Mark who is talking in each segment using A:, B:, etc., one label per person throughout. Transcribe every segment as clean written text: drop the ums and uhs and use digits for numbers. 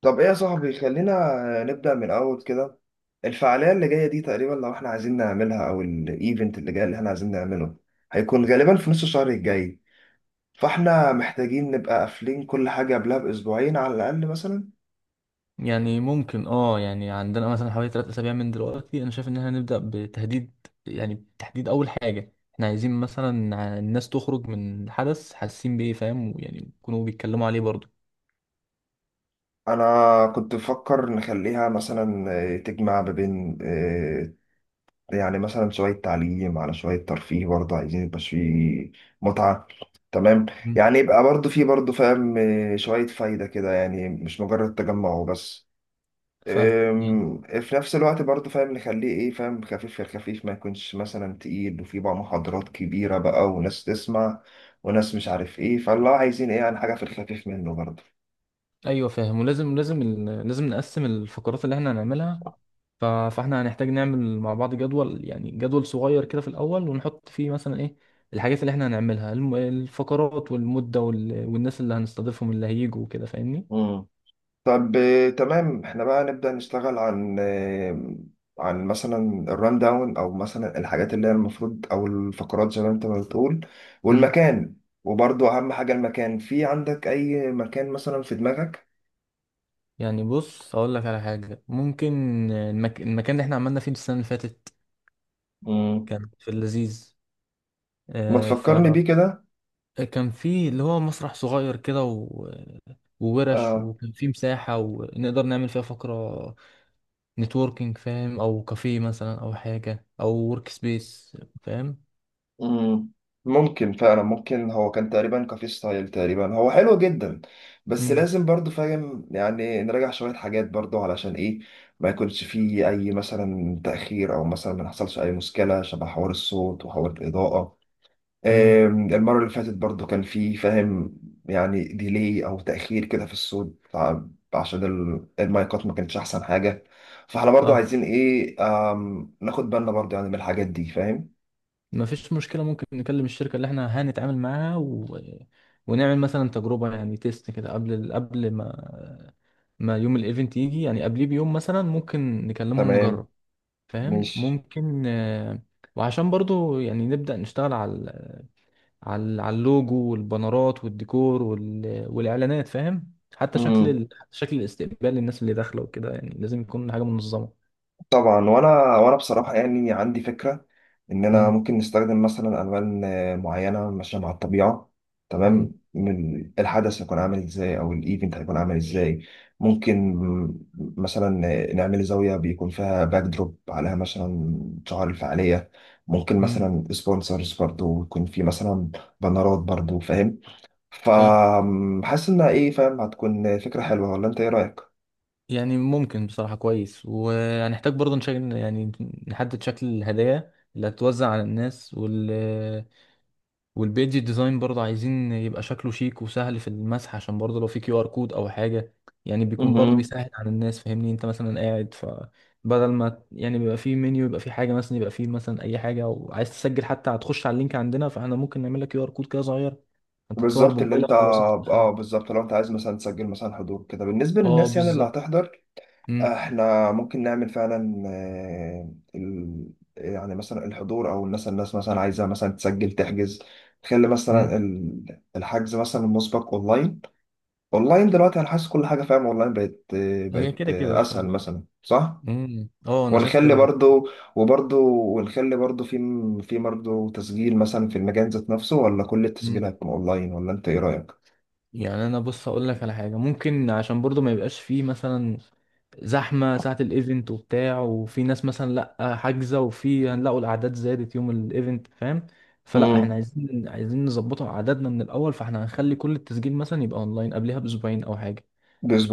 A: طب ايه يا صاحبي، خلينا نبدأ من اول كده. الفعالية اللي جاية دي تقريبا لو احنا عايزين نعملها، او الايفنت اللي جاي اللي احنا عايزين نعمله هيكون غالبا في نص الشهر الجاي. فاحنا محتاجين نبقى قافلين كل حاجة قبلها باسبوعين على الاقل مثلا.
B: يعني ممكن يعني عندنا مثلا حوالي 3 اسابيع من دلوقتي، انا شايف ان احنا نبدا بتهديد يعني تحديد اول حاجه احنا عايزين مثلا الناس تخرج من الحدث حاسين بايه. فاهم، يعني يكونوا بيتكلموا عليه برضه.
A: انا كنت بفكر نخليها مثلا تجمع ما بين يعني مثلا شوية تعليم على شوية ترفيه، برضه عايزين يبقى فيه متعة. تمام.
B: مم.
A: يعني يبقى برضه فيه برضه فاهم شوية فايدة كده، يعني مش مجرد تجمع وبس.
B: ف يعني-
A: في نفس الوقت برضه فاهم نخليه ايه فاهم خفيف، في الخفيف ما يكونش مثلا تقيل وفي بقى محاضرات كبيرة بقى وناس تسمع وناس مش عارف ايه، فالله عايزين ايه عن حاجة في الخفيف منه برضه.
B: ايوه فاهم، ولازم لازم ال- لازم نقسم الفقرات اللي احنا هنعملها. فاحنا هنحتاج نعمل مع بعض جدول، يعني جدول صغير كده في الاول، ونحط فيه مثلا ايه الحاجات اللي احنا هنعملها، الفقرات والمده والناس اللي هنستضيفهم اللي هيجوا وكده فاهمني.
A: امم. طب تمام، احنا بقى نبدأ نشتغل عن عن مثلا الران داون، او مثلا الحاجات اللي هي المفروض، او الفقرات زي ما انت ما بتقول، والمكان. وبرضه اهم حاجة المكان، في عندك اي مكان مثلا في دماغك؟
B: يعني بص اقول لك على حاجه ممكن. المكان اللي احنا عملنا فيه السنه اللي فاتت
A: امم.
B: كان في اللذيذ.
A: ما
B: آه ف
A: تفكرني بيه كده.
B: كان فيه اللي هو مسرح صغير كده وورش،
A: آه.
B: وكان فيه مساحه ونقدر نعمل فيها فقره نتوركينج فاهم، او كافيه مثلا او حاجه او ورك سبيس فاهم.
A: مم. ممكن فعلا، ممكن هو كان تقريبا كافي ستايل تقريبا، هو حلو جدا. بس لازم برضو فاهم يعني نراجع شوية حاجات برضو، علشان ايه ما يكونش فيه اي مثلا تأخير، او مثلا ما نحصلش اي مشكلة شبه حوار الصوت وحوار الإضاءة.
B: امم
A: المرة اللي فاتت برضو كان فيه فاهم يعني ديلي او تأخير كده في الصوت، عشان المايكات ما كانتش احسن حاجة. فاحنا برضو عايزين ايه، ناخد بالنا برضو يعني من الحاجات دي فاهم.
B: ما فيش مشكلة، ممكن نكلم الشركة اللي احنا هنتعامل معاها ونعمل مثلا تجربة، يعني تيست كده قبل ال... قبل ما ما يوم الايفنت يجي، يعني قبليه بيوم مثلا ممكن نكلمهم
A: تمام.
B: نجرب. فاهم
A: ماشي.
B: ممكن. وعشان برضو يعني نبدأ نشتغل على اللوجو والبانرات والديكور والإعلانات، فاهم، حتى شكل
A: امم.
B: شكل الاستقبال للناس اللي داخلة وكده، يعني لازم يكون حاجة منظمة.
A: طبعا، وانا بصراحه يعني عندي فكره ان انا
B: امم
A: ممكن نستخدم مثلا الوان معينه ماشيه مع الطبيعه.
B: امم
A: تمام، من الحدث هيكون عامل ازاي، او الايفنت هيكون عامل ازاي. ممكن مثلا نعمل زاويه بيكون فيها باك دروب، عليها مثلا شعار الفعاليه. ممكن
B: امم
A: مثلا سبونسرز برضو يكون في مثلا بنرات برضو فاهم.
B: فاهم،
A: فحاسس انها ايه فاهم هتكون فكره حلوه، ولا انت ايه
B: يعني ممكن بصراحة كويس، وهنحتاج برضه نشكل، يعني نحدد شكل الهدايا اللي هتتوزع على الناس، والبيج ديزاين برضه عايزين يبقى شكله شيك وسهل في المسح، عشان برضه لو في QR code او حاجة، يعني بيكون برضه
A: رايك؟
B: بيسهل على الناس فاهمني، انت مثلا قاعد فبدل ما يعني بيبقى في منيو يبقى في حاجة مثلا، يبقى في مثلا اي حاجة وعايز تسجل حتى هتخش على اللينك عندنا، فاحنا ممكن نعمل لك QR code كده صغير. انت تصور
A: بالظبط. اللي
B: بموبايلك
A: انت
B: خلاص. انت
A: اه
B: دخلت.
A: بالظبط، لو انت عايز مثلا تسجل مثلا حضور كده بالنسبه
B: اه
A: للناس يعني اللي
B: بالظبط.
A: هتحضر،
B: امم
A: احنا ممكن نعمل فعلا يعني مثلا الحضور، او الناس مثلا عايزه مثلا تسجل تحجز، تخلي
B: امم
A: مثلا الحجز مثلا المسبق اونلاين. اونلاين دلوقتي، انا حاسس كل حاجه فاهم اونلاين بقت آه،
B: هي
A: بقت
B: كده كده
A: آه، اسهل
B: بصراحة.
A: مثلا، صح؟
B: اه انا شايف
A: ونخلي
B: كده برضه.
A: برضو وبرضو ونخلي برضو في برضو تسجيل مثلا في المجال ذات نفسه، ولا كل
B: امم
A: التسجيلات هتكون اونلاين؟ ولا انت ايه رايك؟
B: يعني انا بص اقول لك على حاجه ممكن، عشان برضه ما يبقاش فيه مثلا زحمه ساعه الايفنت وبتاع وفي ناس مثلا لا حاجزه، وفي هنلاقوا الاعداد زادت يوم الايفنت فاهم، فلا احنا عايزين نظبطه اعدادنا من الاول، فاحنا هنخلي كل التسجيل مثلا يبقى اونلاين قبلها باسبوعين او حاجه.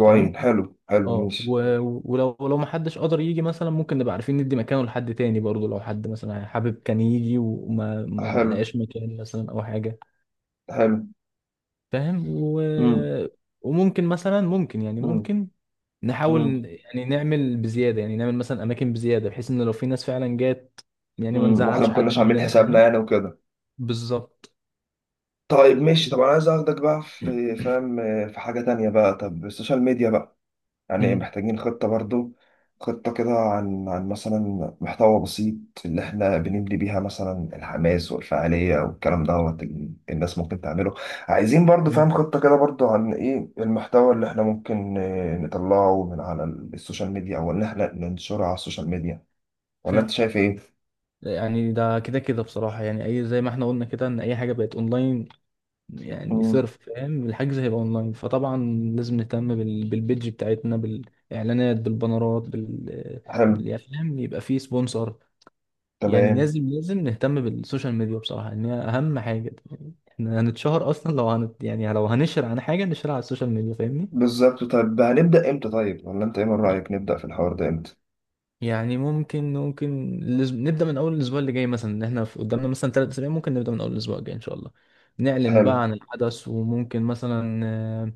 B: فاهم.
A: حلو، حلو،
B: اه
A: ماشي.
B: و- ولو لو ما حدش قدر يجي مثلا ممكن نبقى عارفين ندي مكانه لحد تاني برضه، لو حد مثلا حابب كان يجي وما ما ما
A: حلو.
B: لقاش مكان مثلا او حاجه.
A: حلو.
B: فاهم. و...
A: مم.
B: وممكن مثلا ممكن يعني
A: مم.
B: ممكن
A: مم.
B: نحاول، يعني نعمل بزيادة، يعني نعمل مثلا أماكن بزيادة بحيث إن لو في ناس فعلا جات، يعني ما
A: مم. واحنا
B: نزعلش
A: ما
B: حد
A: كناش عاملين
B: مننا
A: حسابنا
B: فاهم.
A: يعني وكده.
B: بالظبط.
A: طيب ماشي، طب انا عايز اخدك بقى في حاجة تانية بقى. طب السوشيال ميديا بقى، يعني
B: أمم،
A: محتاجين خطة برضو، خطة كده عن مثلا محتوى بسيط اللي احنا بنبني بيها مثلا الحماس والفعالية والكلام دوت، الناس ممكن تعمله. عايزين برضو
B: أمم،
A: فاهم خطة كده برضو عن ايه المحتوى اللي احنا ممكن نطلعه من على السوشيال ميديا، او ان احنا ننشره على السوشيال ميديا. ولا انت
B: فاهم،
A: شايف ايه؟
B: يعني ده كده كده بصراحة، يعني أي زي ما احنا قلنا كده إن أي حاجة بقت أونلاين، يعني
A: مم.
B: صرف فاهم، الحجز هيبقى أونلاين فطبعا لازم نهتم بالبيدج بتاعتنا بالإعلانات بالبانرات
A: حلو.
B: يعني فاهم يبقى فيه سبونسر، يعني
A: تمام.
B: لازم نهتم بالسوشيال ميديا بصراحة ان هي اهم حاجة، يعني احنا هنتشهر اصلا، لو هنت يعني لو هنشر عن حاجة نشرها على السوشيال ميديا فاهمني.
A: بالظبط. طيب، هنبدأ امتى؟ طيب، ولا انت ايه من رأيك نبدأ في الحوار ده امتى؟
B: يعني ممكن نبدأ من اول الاسبوع اللي جاي مثلا، ان احنا قدامنا مثلا ثلاث اسابيع، ممكن نبدأ من اول الاسبوع الجاي ان شاء الله. نعلن بقى
A: حلو.
B: عن الحدث، وممكن مثلا آه،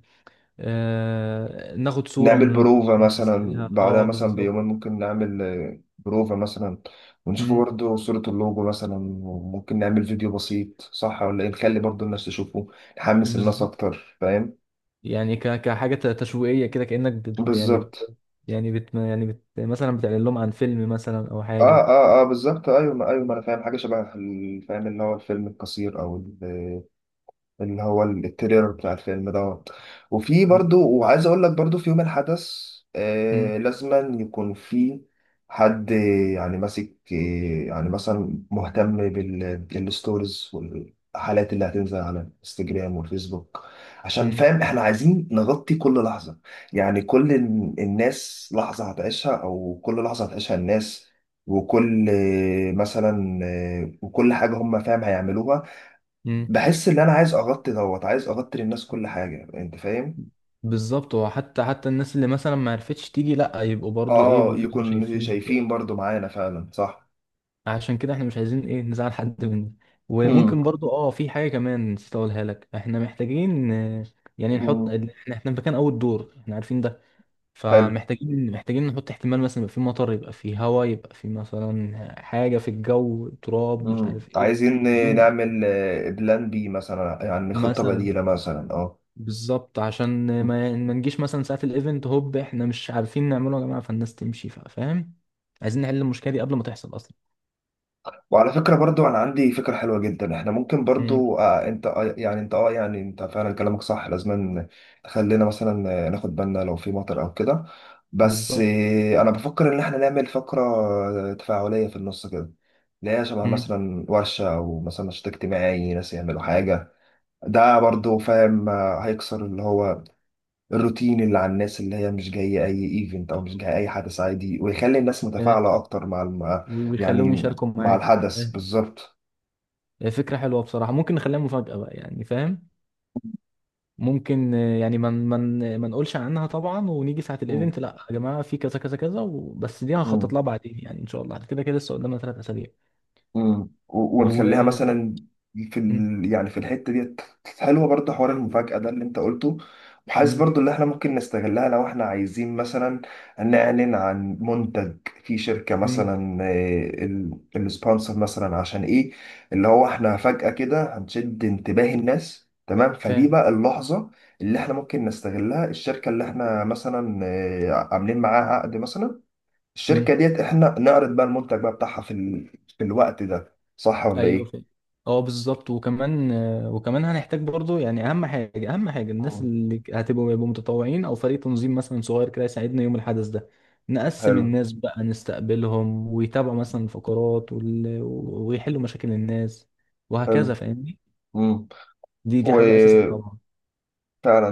B: آه، ناخد صورة من
A: نعمل
B: اللوجو
A: بروفة مثلا
B: وننزلها.
A: بعدها
B: اه
A: مثلا
B: بالظبط.
A: بيومين، ممكن نعمل بروفة مثلا، ونشوف
B: مم،
A: برضو صورة اللوجو مثلا. وممكن نعمل فيديو بسيط، صح ولا ايه؟ نخلي برضو الناس تشوفه، نحمس الناس
B: بالظبط،
A: اكتر فاهم.
B: يعني كحاجة تشويقية كده، كأنك بت... يعني
A: بالظبط.
B: بت- يعني بت... يعني بت... مثلا بتعلن لهم عن فيلم مثلا أو
A: اه،
B: حاجة.
A: اه، اه، بالظبط. ايوه ما ايوه ما انا فاهم حاجة شبه فاهم اللي هو الفيلم القصير، او ال- اللي هو التريلر بتاع الفيلم دوت. وفي برضو، وعايز اقول لك برضو في يوم الحدث
B: مم.
A: لازما يكون في حد، يعني ماسك يعني مثلا مهتم بالستوريز والحالات اللي هتنزل على الانستجرام والفيسبوك، عشان
B: مم.
A: فاهم احنا عايزين نغطي كل لحظة. يعني كل الناس لحظة هتعيشها، او كل لحظة هتعيشها الناس، وكل مثلا وكل حاجة هم فاهم هيعملوها.
B: مم.
A: بحس ان انا عايز اغطي للناس كل حاجه انت فاهم.
B: بالظبط، وحتى الناس اللي مثلا ما عرفتش تيجي لا يبقوا برضو ايه
A: اه،
B: يبقوا كانوا
A: يكون
B: شايفين
A: شايفين
B: كده،
A: برضو معانا فعلا صح.
B: عشان كده احنا مش عايزين ايه نزعل حد مننا.
A: امم.
B: وممكن برضو في حاجة كمان نسيت اقولها لك، احنا محتاجين يعني نحط،
A: امم.
B: احنا في مكان اول دور احنا عارفين ده.
A: حلو.
B: فمحتاجين نحط احتمال مثلا يبقى في مطر، يبقى في هواء، يبقى في مثلا حاجة في الجو تراب مش
A: امم.
B: عارف ايه
A: عايزين
B: محتاجين
A: نعمل بلان بي مثلا، يعني خطه
B: مثلا.
A: بديله مثلا، اه.
B: بالظبط، عشان ما نجيش مثلا ساعة الايفنت هوب احنا مش عارفين نعمله يا جماعة فالناس تمشي فاهم، عايزين نحل المشكلة دي قبل ما تحصل اصلا.
A: وعلى فكرة برضو، أنا عندي فكرة حلوة جدا. إحنا ممكن
B: مم.
A: برضو أنت يعني أنت يعني أنت فعلا كلامك صح، لازم خلينا مثلا ناخد بالنا لو في مطر أو كده. بس
B: بالظبط.
A: أنا بفكر إن إحنا نعمل فقرة تفاعلية في النص كده، اللي هي شبه
B: مم.
A: مثلا ورشة، أو مثلا نشاط اجتماعي، ناس يعملوا حاجة. ده برضو فاهم هيكسر اللي هو الروتين، اللي على الناس اللي هي مش جاية أي إيفنت، أو مش جاية أي حدث عادي، ويخلي الناس
B: آه،
A: متفاعلة أكتر مع
B: ويخلوهم
A: يعني
B: يشاركوا
A: مع
B: معاك.
A: الحدث
B: آه،
A: بالظبط.
B: فكرة حلوة بصراحة، ممكن نخليها مفاجأة بقى يعني فاهم. ممكن آه، يعني ما من ما ما نقولش عنها طبعا، ونيجي ساعة
A: مم.
B: الايفنت لا يا جماعة في كذا كذا كذا بس دي هخطط
A: مم.
B: لها بعدين، يعني ان شاء الله كده كده لسه قدامنا 3 اسابيع.
A: مم.
B: و
A: ونخليها مثلا في
B: م-
A: يعني في الحته ديت، حلوه برضه. حوار المفاجاه ده اللي انت قلته، وحاسس
B: م-
A: برضه ان احنا ممكن نستغلها، لو احنا عايزين مثلا نعلن عن منتج في شركه
B: م-
A: مثلا السبونسر مثلا، عشان ايه، اللي هو احنا فجاه كده هنشد انتباه الناس، تمام.
B: ف
A: فدي بقى اللحظه اللي احنا ممكن نستغلها، الشركه اللي احنا مثلا عاملين معاها عقد مثلا، الشركة
B: م-
A: ديت احنا نعرض بقى المنتج بقى بتاعها في في الوقت ده، صح ولا
B: ايوه.
A: ايه؟
B: ف اه بالظبط، وكمان هنحتاج برضو يعني اهم حاجة اهم حاجة الناس
A: مم.
B: اللي هتبقوا يبقوا متطوعين او فريق تنظيم مثلا صغير كده يساعدنا يوم الحدث ده. نقسم
A: حلو.
B: الناس بقى نستقبلهم ويتابعوا مثلا الفقرات ويحلوا مشاكل الناس
A: حلو.
B: وهكذا فاهمني.
A: امم.
B: دي حاجة أساسية
A: وفعلا،
B: طبعا.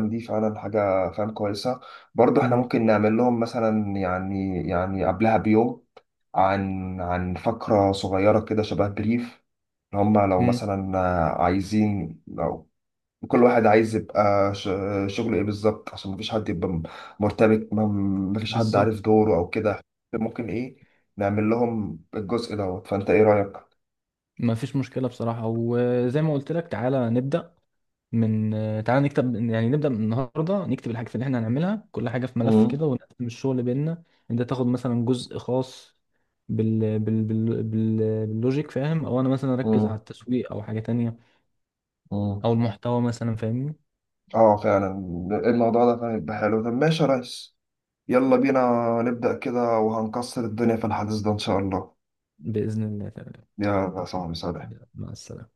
A: دي فعلا حاجة فعلا كويسة. برضو احنا
B: مم.
A: ممكن نعمل لهم مثلا يعني قبلها بيوم، عن فقرة صغيرة كده شبه بريف. هم لو
B: مم.
A: مثلا عايزين، كل واحد عايز يبقى شغله ايه بالظبط، عشان مفيش حد يبقى مرتبك، مفيش حد
B: بالظبط.
A: عارف دوره او كده. ممكن ايه نعمل لهم الجزء دوت، فانت ايه رأيك؟
B: ما فيش مشكلة بصراحة، وزي ما قلت لك من تعالى نكتب، يعني نبدأ من النهاردة نكتب الحاجات اللي احنا هنعملها كل حاجة في ملف
A: مم.
B: كده، ونقسم الشغل بيننا. انت تاخد مثلا جزء خاص بال... بال... بال... بال... باللوجيك فاهم، او انا مثلا اركز
A: مم.
B: على التسويق او حاجة تانية
A: مم.
B: او المحتوى مثلا فاهمني.
A: اه فعلا، الموضوع ده فعلا يبقى حلو. طب ماشي يا ريس، يلا بينا نبدأ كده، وهنكسر الدنيا في الحديث ده ان شاء الله.
B: بإذن الله تعالى.
A: يا صاحبي سلام.
B: مع السلامة.